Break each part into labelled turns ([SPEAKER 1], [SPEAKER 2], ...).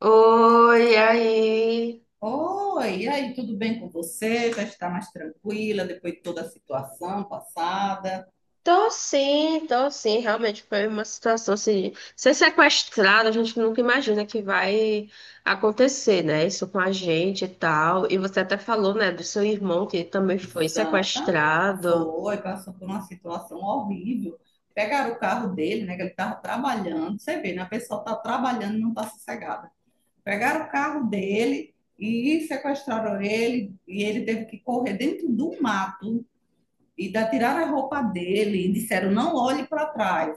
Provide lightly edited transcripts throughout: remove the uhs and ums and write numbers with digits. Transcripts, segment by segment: [SPEAKER 1] Oi, aí.
[SPEAKER 2] Oi, e aí, tudo bem com você? Já está mais tranquila depois de toda a situação passada?
[SPEAKER 1] Tô sim, tô sim. Realmente foi uma situação assim. Ser sequestrado, a gente nunca imagina que vai acontecer, né? Isso com a gente e tal. E você até falou, né, do seu irmão que também foi
[SPEAKER 2] Exatamente.
[SPEAKER 1] sequestrado.
[SPEAKER 2] Foi, passou por uma situação horrível. Pegaram o carro dele, né? Que ele estava trabalhando. Você vê, né? A pessoa está trabalhando e não está sossegada. Pegaram o carro dele e sequestraram ele, e ele teve que correr dentro do mato, e da tiraram a roupa dele e disseram não olhe para trás,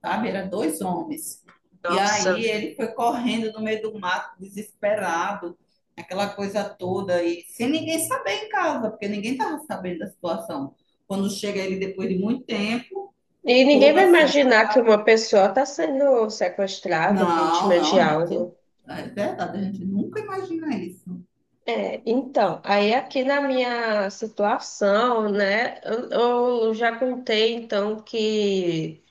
[SPEAKER 2] sabe? Era dois homens. E
[SPEAKER 1] Nossa.
[SPEAKER 2] aí ele foi correndo no meio do mato, desesperado, aquela coisa toda e sem ninguém saber em casa, porque ninguém estava sabendo da situação. Quando chega ele depois de muito tempo,
[SPEAKER 1] E ninguém
[SPEAKER 2] todo
[SPEAKER 1] vai
[SPEAKER 2] assim
[SPEAKER 1] imaginar que
[SPEAKER 2] acabado.
[SPEAKER 1] uma pessoa tá sendo sequestrada,
[SPEAKER 2] Não,
[SPEAKER 1] vítima de
[SPEAKER 2] não, a gente,
[SPEAKER 1] algo.
[SPEAKER 2] é verdade, a gente nunca imagina isso.
[SPEAKER 1] É, então, aí aqui na minha situação, né, eu já contei então que.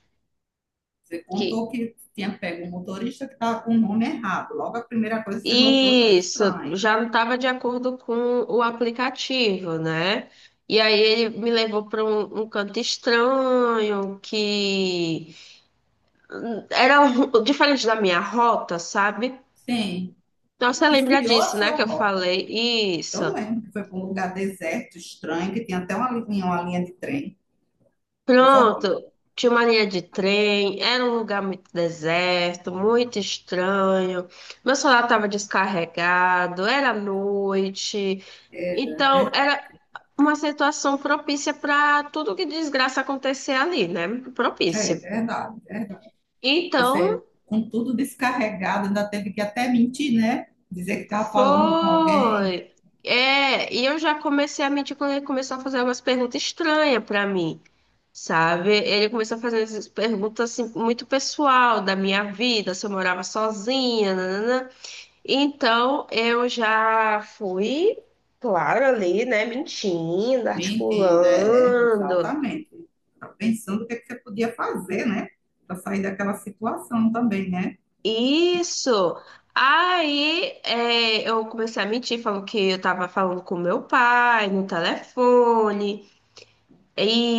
[SPEAKER 2] Você
[SPEAKER 1] Que
[SPEAKER 2] contou que tinha pego um motorista que estava com o nome errado. Logo a primeira coisa que você notou já é
[SPEAKER 1] isso
[SPEAKER 2] estranho.
[SPEAKER 1] já não estava de acordo com o aplicativo, né? E aí ele me levou para um canto estranho que diferente da minha rota, sabe?
[SPEAKER 2] Sim.
[SPEAKER 1] Então
[SPEAKER 2] Ele
[SPEAKER 1] você lembra
[SPEAKER 2] desviou
[SPEAKER 1] disso,
[SPEAKER 2] a
[SPEAKER 1] né? Que
[SPEAKER 2] sua
[SPEAKER 1] eu
[SPEAKER 2] rota.
[SPEAKER 1] falei isso.
[SPEAKER 2] Eu lembro que foi para um lugar deserto, estranho, que tinha até uma linha de trem. Coisa horrível.
[SPEAKER 1] Pronto, tinha uma linha de trem, era um lugar muito deserto, muito estranho. Meu celular estava descarregado, era noite.
[SPEAKER 2] Era
[SPEAKER 1] Então, era
[SPEAKER 2] verdade.
[SPEAKER 1] uma situação propícia para tudo que desgraça acontecer ali, né?
[SPEAKER 2] É
[SPEAKER 1] Propícia.
[SPEAKER 2] verdade, verdade.
[SPEAKER 1] Então,
[SPEAKER 2] Você, com tudo descarregado, ainda teve que até mentir, né? Dizer que estava falando com alguém.
[SPEAKER 1] foi. É, e eu já comecei a mentir quando ele começou a fazer umas perguntas estranhas para mim, sabe? Ele começou a fazer essas perguntas assim, muito pessoal da minha vida, se eu morava sozinha, nanana. Então, eu já fui, claro, ali, né, mentindo,
[SPEAKER 2] Me entenda,
[SPEAKER 1] articulando.
[SPEAKER 2] exatamente. Tá pensando o que é que você podia fazer, né? Para sair daquela situação também, né?
[SPEAKER 1] Isso! Aí é, eu comecei a mentir, falando que eu tava falando com meu pai no telefone.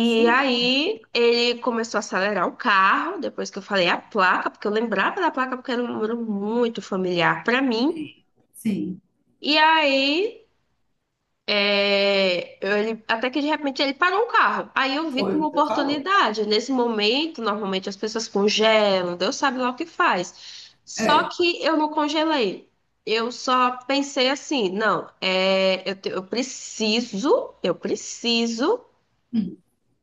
[SPEAKER 2] Isso mesmo.
[SPEAKER 1] aí ele começou a acelerar o carro, depois que eu falei a placa, porque eu lembrava da placa porque era um número muito familiar pra mim.
[SPEAKER 2] Sim, sim.
[SPEAKER 1] E aí é, ele, até que de repente ele parou o carro. Aí eu vi
[SPEAKER 2] Foi
[SPEAKER 1] como
[SPEAKER 2] o que você falou.
[SPEAKER 1] oportunidade. Nesse momento, normalmente as pessoas congelam, Deus sabe lá o que faz. Só
[SPEAKER 2] É.
[SPEAKER 1] que eu não congelei. Eu só pensei assim, não, é, eu, eu preciso,
[SPEAKER 2] Hum.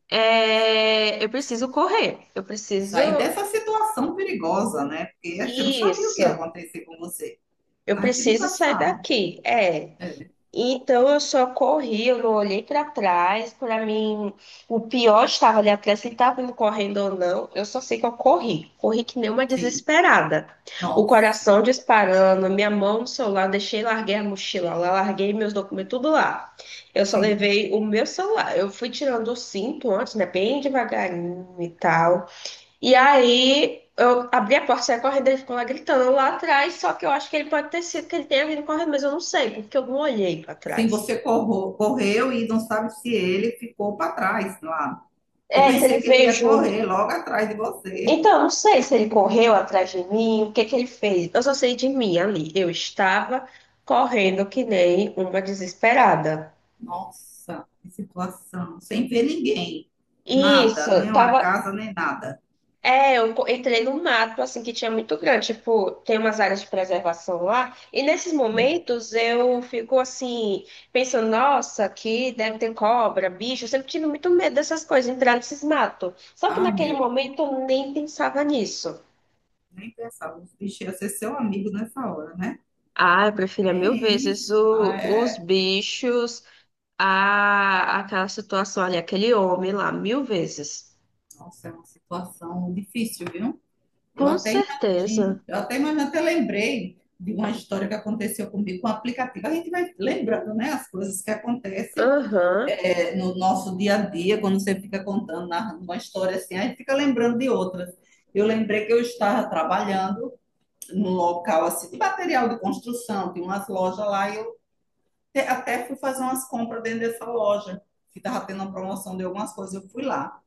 [SPEAKER 1] eu preciso correr. Eu
[SPEAKER 2] E
[SPEAKER 1] preciso.
[SPEAKER 2] sair dessa situação perigosa, né? Porque você não sabia o que ia
[SPEAKER 1] Isso.
[SPEAKER 2] acontecer com você.
[SPEAKER 1] Eu
[SPEAKER 2] A gente
[SPEAKER 1] preciso
[SPEAKER 2] nunca
[SPEAKER 1] sair
[SPEAKER 2] sabe.
[SPEAKER 1] daqui. É.
[SPEAKER 2] É,
[SPEAKER 1] Então eu só corri, eu não olhei para trás. Para mim, o pior estava ali atrás, se ele estava me correndo ou não. Eu só sei que eu corri. Corri que nem uma
[SPEAKER 2] sim.
[SPEAKER 1] desesperada. O
[SPEAKER 2] Nossa.
[SPEAKER 1] coração disparando, minha mão no celular, deixei, larguei a mochila lá, larguei meus documentos, tudo lá. Eu só
[SPEAKER 2] Sim.
[SPEAKER 1] levei o meu celular. Eu fui tirando o cinto antes, né? Bem devagarinho e tal. E aí eu abri a porta, saí correndo, ele ficou lá gritando lá atrás, só que eu acho que ele pode ter sido que ele tenha vindo correndo, mas eu não sei, porque eu não olhei pra
[SPEAKER 2] Sim,
[SPEAKER 1] trás.
[SPEAKER 2] correu e não sabe se ele ficou para trás lá. Eu
[SPEAKER 1] É, se ele
[SPEAKER 2] pensei que ele
[SPEAKER 1] veio
[SPEAKER 2] ia
[SPEAKER 1] junto.
[SPEAKER 2] correr logo atrás de você.
[SPEAKER 1] Então, eu não sei se ele correu atrás de mim, o que que ele fez. Eu só sei de mim ali. Eu estava correndo que nem uma desesperada.
[SPEAKER 2] Nossa, que situação. Sem ver ninguém. Nada,
[SPEAKER 1] Isso,
[SPEAKER 2] nem uma
[SPEAKER 1] tava.
[SPEAKER 2] casa, nem nada.
[SPEAKER 1] É, eu entrei num mato, assim, que tinha muito grande. Tipo, tem umas áreas de preservação lá. E nesses
[SPEAKER 2] Hum.
[SPEAKER 1] momentos eu fico, assim, pensando, nossa, aqui deve ter cobra, bicho. Eu sempre tive muito medo dessas coisas, entrar nesses matos. Só que
[SPEAKER 2] Ah,
[SPEAKER 1] naquele
[SPEAKER 2] meu Deus.
[SPEAKER 1] momento eu nem pensava nisso.
[SPEAKER 2] Nem pensava. Os bichos iam ser seu amigo nessa hora, né?
[SPEAKER 1] Ah, eu preferia
[SPEAKER 2] É
[SPEAKER 1] mil vezes
[SPEAKER 2] isso. Ah,
[SPEAKER 1] os
[SPEAKER 2] é.
[SPEAKER 1] bichos, aquela situação ali, aquele homem lá, mil vezes.
[SPEAKER 2] Nossa, é uma situação difícil, viu? Eu
[SPEAKER 1] Com
[SPEAKER 2] até imagino,
[SPEAKER 1] certeza.
[SPEAKER 2] eu até imagino, até lembrei de uma história que aconteceu comigo com o aplicativo. A gente vai lembrando, né, as coisas que acontecem
[SPEAKER 1] Aham.
[SPEAKER 2] no nosso dia a dia, quando você fica contando, narrando uma história assim, a gente fica lembrando de outras. Eu lembrei que eu estava trabalhando num local assim de material de construção, tem umas lojas lá, e eu até fui fazer umas compras dentro dessa loja, que estava tendo uma promoção de algumas coisas, eu fui lá.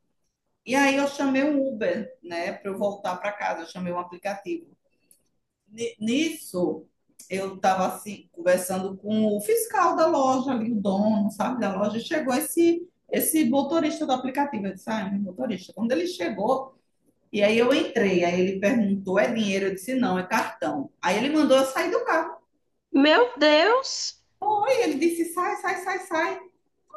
[SPEAKER 2] E aí eu chamei um Uber, né, para eu voltar para casa, eu chamei um aplicativo. Nisso, eu estava assim, conversando com o fiscal da loja, ali, o dono, sabe, da loja, e chegou esse motorista do aplicativo. Eu disse, ah, é um motorista. Quando ele chegou, e aí eu entrei, aí ele perguntou, é dinheiro? Eu disse, não, é cartão. Aí ele mandou eu sair do carro.
[SPEAKER 1] Meu Deus!
[SPEAKER 2] Aí ele disse, sai, sai, sai, sai.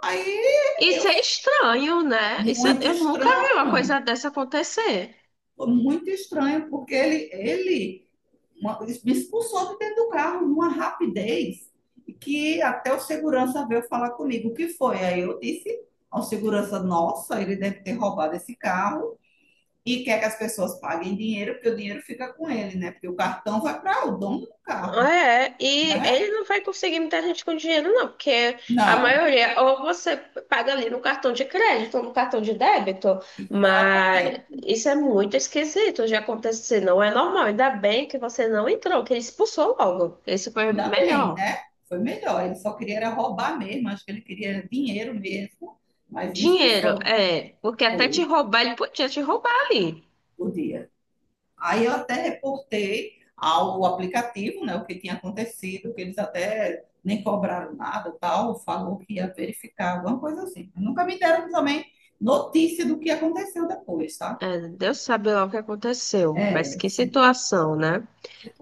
[SPEAKER 2] Aí
[SPEAKER 1] Isso é
[SPEAKER 2] eu,
[SPEAKER 1] estranho, né? Isso,
[SPEAKER 2] muito
[SPEAKER 1] eu nunca vi uma
[SPEAKER 2] estranho,
[SPEAKER 1] coisa dessa acontecer.
[SPEAKER 2] muito estranho, porque ele uma, me expulsou de dentro do carro numa rapidez que até o segurança veio falar comigo o que foi. Aí eu disse ao segurança, nossa, ele deve ter roubado esse carro e quer que as pessoas paguem dinheiro, porque o dinheiro fica com ele, né? Porque o cartão vai para o dono do carro,
[SPEAKER 1] É, e
[SPEAKER 2] né?
[SPEAKER 1] ele não vai conseguir muita gente com dinheiro, não, porque a
[SPEAKER 2] Não,
[SPEAKER 1] maioria, ou você paga ali no cartão de crédito, ou no cartão de débito, mas
[SPEAKER 2] exatamente.
[SPEAKER 1] isso é muito esquisito de acontecer, não é normal. Ainda bem que você não entrou, que ele expulsou logo. Isso foi
[SPEAKER 2] Ainda bem,
[SPEAKER 1] melhor.
[SPEAKER 2] né? Foi melhor. Ele só queria era roubar mesmo, acho que ele queria dinheiro mesmo, mas me
[SPEAKER 1] Dinheiro,
[SPEAKER 2] expulsou.
[SPEAKER 1] é, porque até te
[SPEAKER 2] Foi
[SPEAKER 1] roubar, ele podia te roubar ali.
[SPEAKER 2] o dia. Aí eu até reportei ao aplicativo, né, o que tinha acontecido, que eles até nem cobraram nada, tal, falou que ia verificar, alguma coisa assim. Nunca me deram também notícia do que aconteceu depois, tá?
[SPEAKER 1] É, Deus sabe lá o que aconteceu, mas
[SPEAKER 2] É,
[SPEAKER 1] que
[SPEAKER 2] sim,
[SPEAKER 1] situação, né?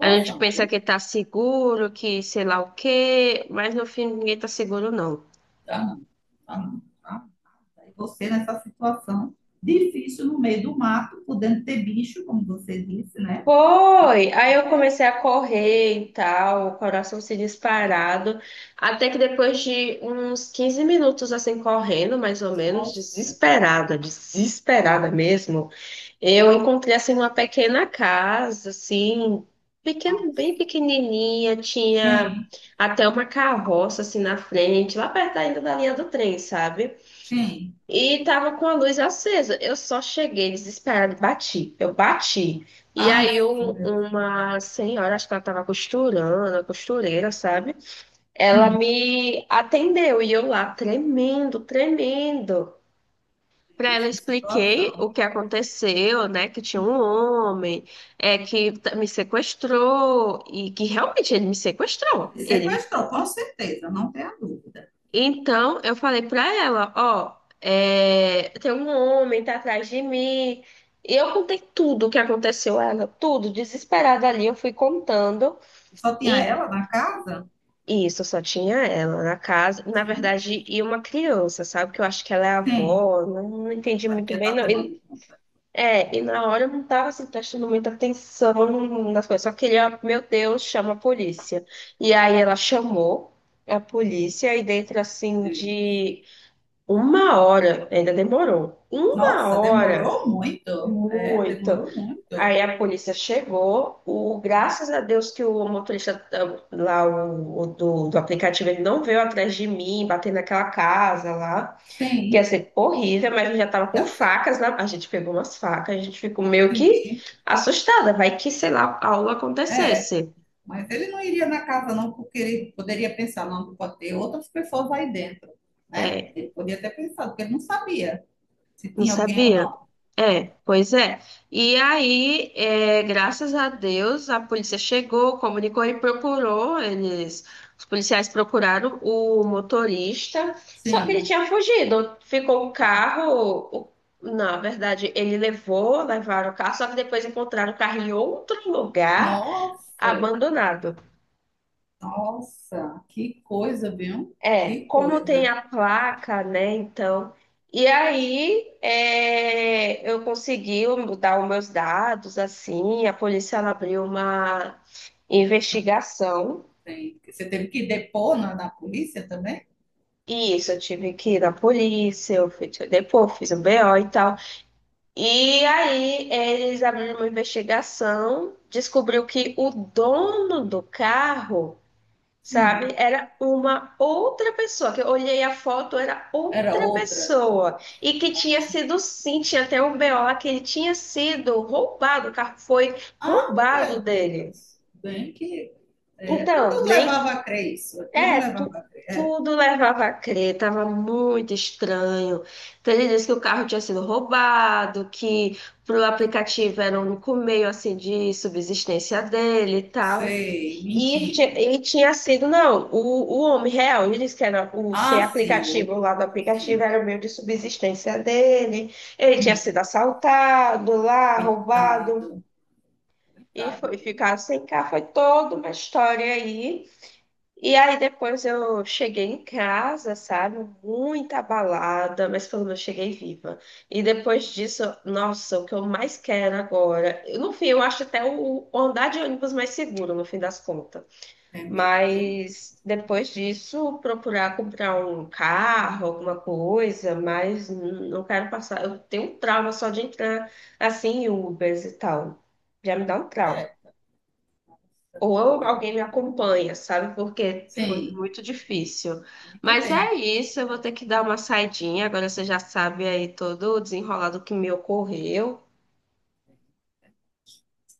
[SPEAKER 1] A gente pensa
[SPEAKER 2] viu?
[SPEAKER 1] que tá seguro, que sei lá o quê, mas no fim ninguém tá seguro, não.
[SPEAKER 2] Tá não, tá não, tá? Aí você nessa situação difícil no meio do mato, podendo ter bicho, como você disse, né?
[SPEAKER 1] Foi! Aí eu comecei a correr e tal, o coração se disparado, até que depois de uns 15 minutos assim correndo, mais ou menos,
[SPEAKER 2] Nossa,
[SPEAKER 1] desesperada, desesperada mesmo, eu encontrei assim uma pequena casa, assim, pequena,
[SPEAKER 2] nossa.
[SPEAKER 1] bem pequenininha, tinha
[SPEAKER 2] Sim,
[SPEAKER 1] até uma carroça assim na frente, lá perto ainda da linha do trem, sabe?
[SPEAKER 2] sim.
[SPEAKER 1] E tava com a luz acesa. Eu só cheguei desesperada e bati. Eu bati. E
[SPEAKER 2] Ah,
[SPEAKER 1] aí
[SPEAKER 2] meu Deus,
[SPEAKER 1] uma senhora, acho que ela tava costurando, a costureira, sabe? Ela
[SPEAKER 2] hum,
[SPEAKER 1] me atendeu e eu lá tremendo, tremendo. Pra ela
[SPEAKER 2] Deus,
[SPEAKER 1] eu
[SPEAKER 2] que
[SPEAKER 1] expliquei
[SPEAKER 2] situação.
[SPEAKER 1] o que aconteceu, né? Que tinha um homem, é que me sequestrou e que realmente ele me sequestrou.
[SPEAKER 2] Ele
[SPEAKER 1] Ele.
[SPEAKER 2] sequestrou, com certeza, não tem a dúvida.
[SPEAKER 1] Então, eu falei pra ela, ó, é, tem um homem, tá atrás de mim. E eu contei tudo o que aconteceu a ela, tudo, desesperada ali, eu fui contando.
[SPEAKER 2] Só tinha
[SPEAKER 1] E
[SPEAKER 2] ela na casa?
[SPEAKER 1] isso, só tinha ela na casa, na
[SPEAKER 2] Sim.
[SPEAKER 1] verdade, e uma criança, sabe? Que eu acho que ela é a
[SPEAKER 2] Sim,
[SPEAKER 1] avó, não, não entendi
[SPEAKER 2] ela
[SPEAKER 1] muito
[SPEAKER 2] devia
[SPEAKER 1] bem,
[SPEAKER 2] estar
[SPEAKER 1] não.
[SPEAKER 2] tomando
[SPEAKER 1] E,
[SPEAKER 2] conta.
[SPEAKER 1] é, e na hora eu não tava, assim, prestando muita atenção nas coisas, só queria, meu Deus, chama a polícia. E aí ela chamou a polícia, e dentro, assim,
[SPEAKER 2] Sim.
[SPEAKER 1] de... Uma hora, ainda demorou. Uma
[SPEAKER 2] Nossa,
[SPEAKER 1] hora,
[SPEAKER 2] demorou muito. É,
[SPEAKER 1] muito.
[SPEAKER 2] demorou muito.
[SPEAKER 1] Aí a polícia chegou. O, graças a Deus que o motorista ah, lá do aplicativo, ele não veio atrás de mim, batendo naquela casa lá, que ia
[SPEAKER 2] Sim,
[SPEAKER 1] ser horrível, mas eu já tava com
[SPEAKER 2] já sei.
[SPEAKER 1] facas na. A gente pegou umas facas, a gente ficou meio que
[SPEAKER 2] Sim.
[SPEAKER 1] assustada. Vai que, sei lá, algo
[SPEAKER 2] É,
[SPEAKER 1] acontecesse.
[SPEAKER 2] mas ele não iria na casa não, porque ele poderia pensar, não, pode ter outras pessoas aí dentro, né?
[SPEAKER 1] É,
[SPEAKER 2] Ele podia ter pensado, porque ele não sabia se
[SPEAKER 1] não
[SPEAKER 2] tinha alguém ou
[SPEAKER 1] sabia?
[SPEAKER 2] não.
[SPEAKER 1] É, pois é. E aí, é, graças a Deus, a polícia chegou, comunicou e procurou. Eles, os policiais procuraram o motorista, só que ele
[SPEAKER 2] Sim.
[SPEAKER 1] tinha fugido. Ficou o
[SPEAKER 2] Não.
[SPEAKER 1] carro. o- Na verdade, ele levou, levaram o carro, só que depois encontraram o carro em outro lugar,
[SPEAKER 2] Nossa,
[SPEAKER 1] abandonado.
[SPEAKER 2] nossa, que coisa, viu?
[SPEAKER 1] É,
[SPEAKER 2] Que
[SPEAKER 1] como tem
[SPEAKER 2] coisa.
[SPEAKER 1] a placa, né? Então, e aí é, eu consegui dar os meus dados, assim, a polícia ela abriu uma investigação.
[SPEAKER 2] Tem- Você teve que depor na polícia também?
[SPEAKER 1] E isso, eu tive que ir na polícia, eu fui depois, fiz um BO e tal. E aí eles abriram uma investigação, descobriu que o dono do carro,
[SPEAKER 2] Sim.
[SPEAKER 1] sabe? Era uma outra pessoa, que eu olhei a foto, era
[SPEAKER 2] Era
[SPEAKER 1] outra
[SPEAKER 2] outra.
[SPEAKER 1] pessoa. E que tinha sido, sim, tinha até um BO lá que ele tinha sido roubado, o carro foi
[SPEAKER 2] Ah,
[SPEAKER 1] roubado
[SPEAKER 2] meu
[SPEAKER 1] dele.
[SPEAKER 2] Deus. Bem que. É,
[SPEAKER 1] Então,
[SPEAKER 2] tudo
[SPEAKER 1] bem,
[SPEAKER 2] levava a crer isso. É, tudo
[SPEAKER 1] é,
[SPEAKER 2] levava a crer. É,
[SPEAKER 1] tudo levava a crer, tava muito estranho. Então, ele disse que o carro tinha sido roubado, que pro aplicativo era o único meio, assim, de subsistência dele e tal.
[SPEAKER 2] sei, me
[SPEAKER 1] E, e tinha sido, não, o homem real, ele disse que era o ser
[SPEAKER 2] Ah, sim, o
[SPEAKER 1] aplicativo
[SPEAKER 2] outro.
[SPEAKER 1] lá do aplicativo,
[SPEAKER 2] Sim.
[SPEAKER 1] era o meio de subsistência dele. Ele tinha sido
[SPEAKER 2] Hum,
[SPEAKER 1] assaltado lá, roubado,
[SPEAKER 2] coitado,
[SPEAKER 1] e foi
[SPEAKER 2] coitado.
[SPEAKER 1] ficar sem carro. Foi toda uma história aí. E aí depois eu cheguei em casa, sabe? Muito abalada, mas pelo menos cheguei viva. E depois disso, nossa, o que eu mais quero agora. No fim, eu acho até o andar de ônibus mais seguro, no fim das contas.
[SPEAKER 2] É mesmo, viu?
[SPEAKER 1] Mas depois disso, procurar comprar um carro, alguma coisa, mas não quero passar. Eu tenho um trauma só de entrar assim em Ubers e tal. Já me dá um trauma.
[SPEAKER 2] É, nossa,
[SPEAKER 1] Ou
[SPEAKER 2] foi.
[SPEAKER 1] alguém me acompanha, sabe? Porque foi
[SPEAKER 2] Sim,
[SPEAKER 1] muito difícil.
[SPEAKER 2] muito
[SPEAKER 1] Mas é
[SPEAKER 2] bem.
[SPEAKER 1] isso, eu vou ter que dar uma saidinha. Agora você já sabe aí todo o desenrolado que me ocorreu,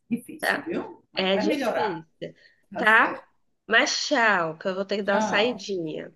[SPEAKER 2] Difícil,
[SPEAKER 1] tá?
[SPEAKER 2] viu? Mas
[SPEAKER 1] É
[SPEAKER 2] vai melhorar.
[SPEAKER 1] difícil,
[SPEAKER 2] Tá
[SPEAKER 1] tá?
[SPEAKER 2] certo.
[SPEAKER 1] Mas tchau, que eu vou ter que dar uma
[SPEAKER 2] Tchau.
[SPEAKER 1] saidinha.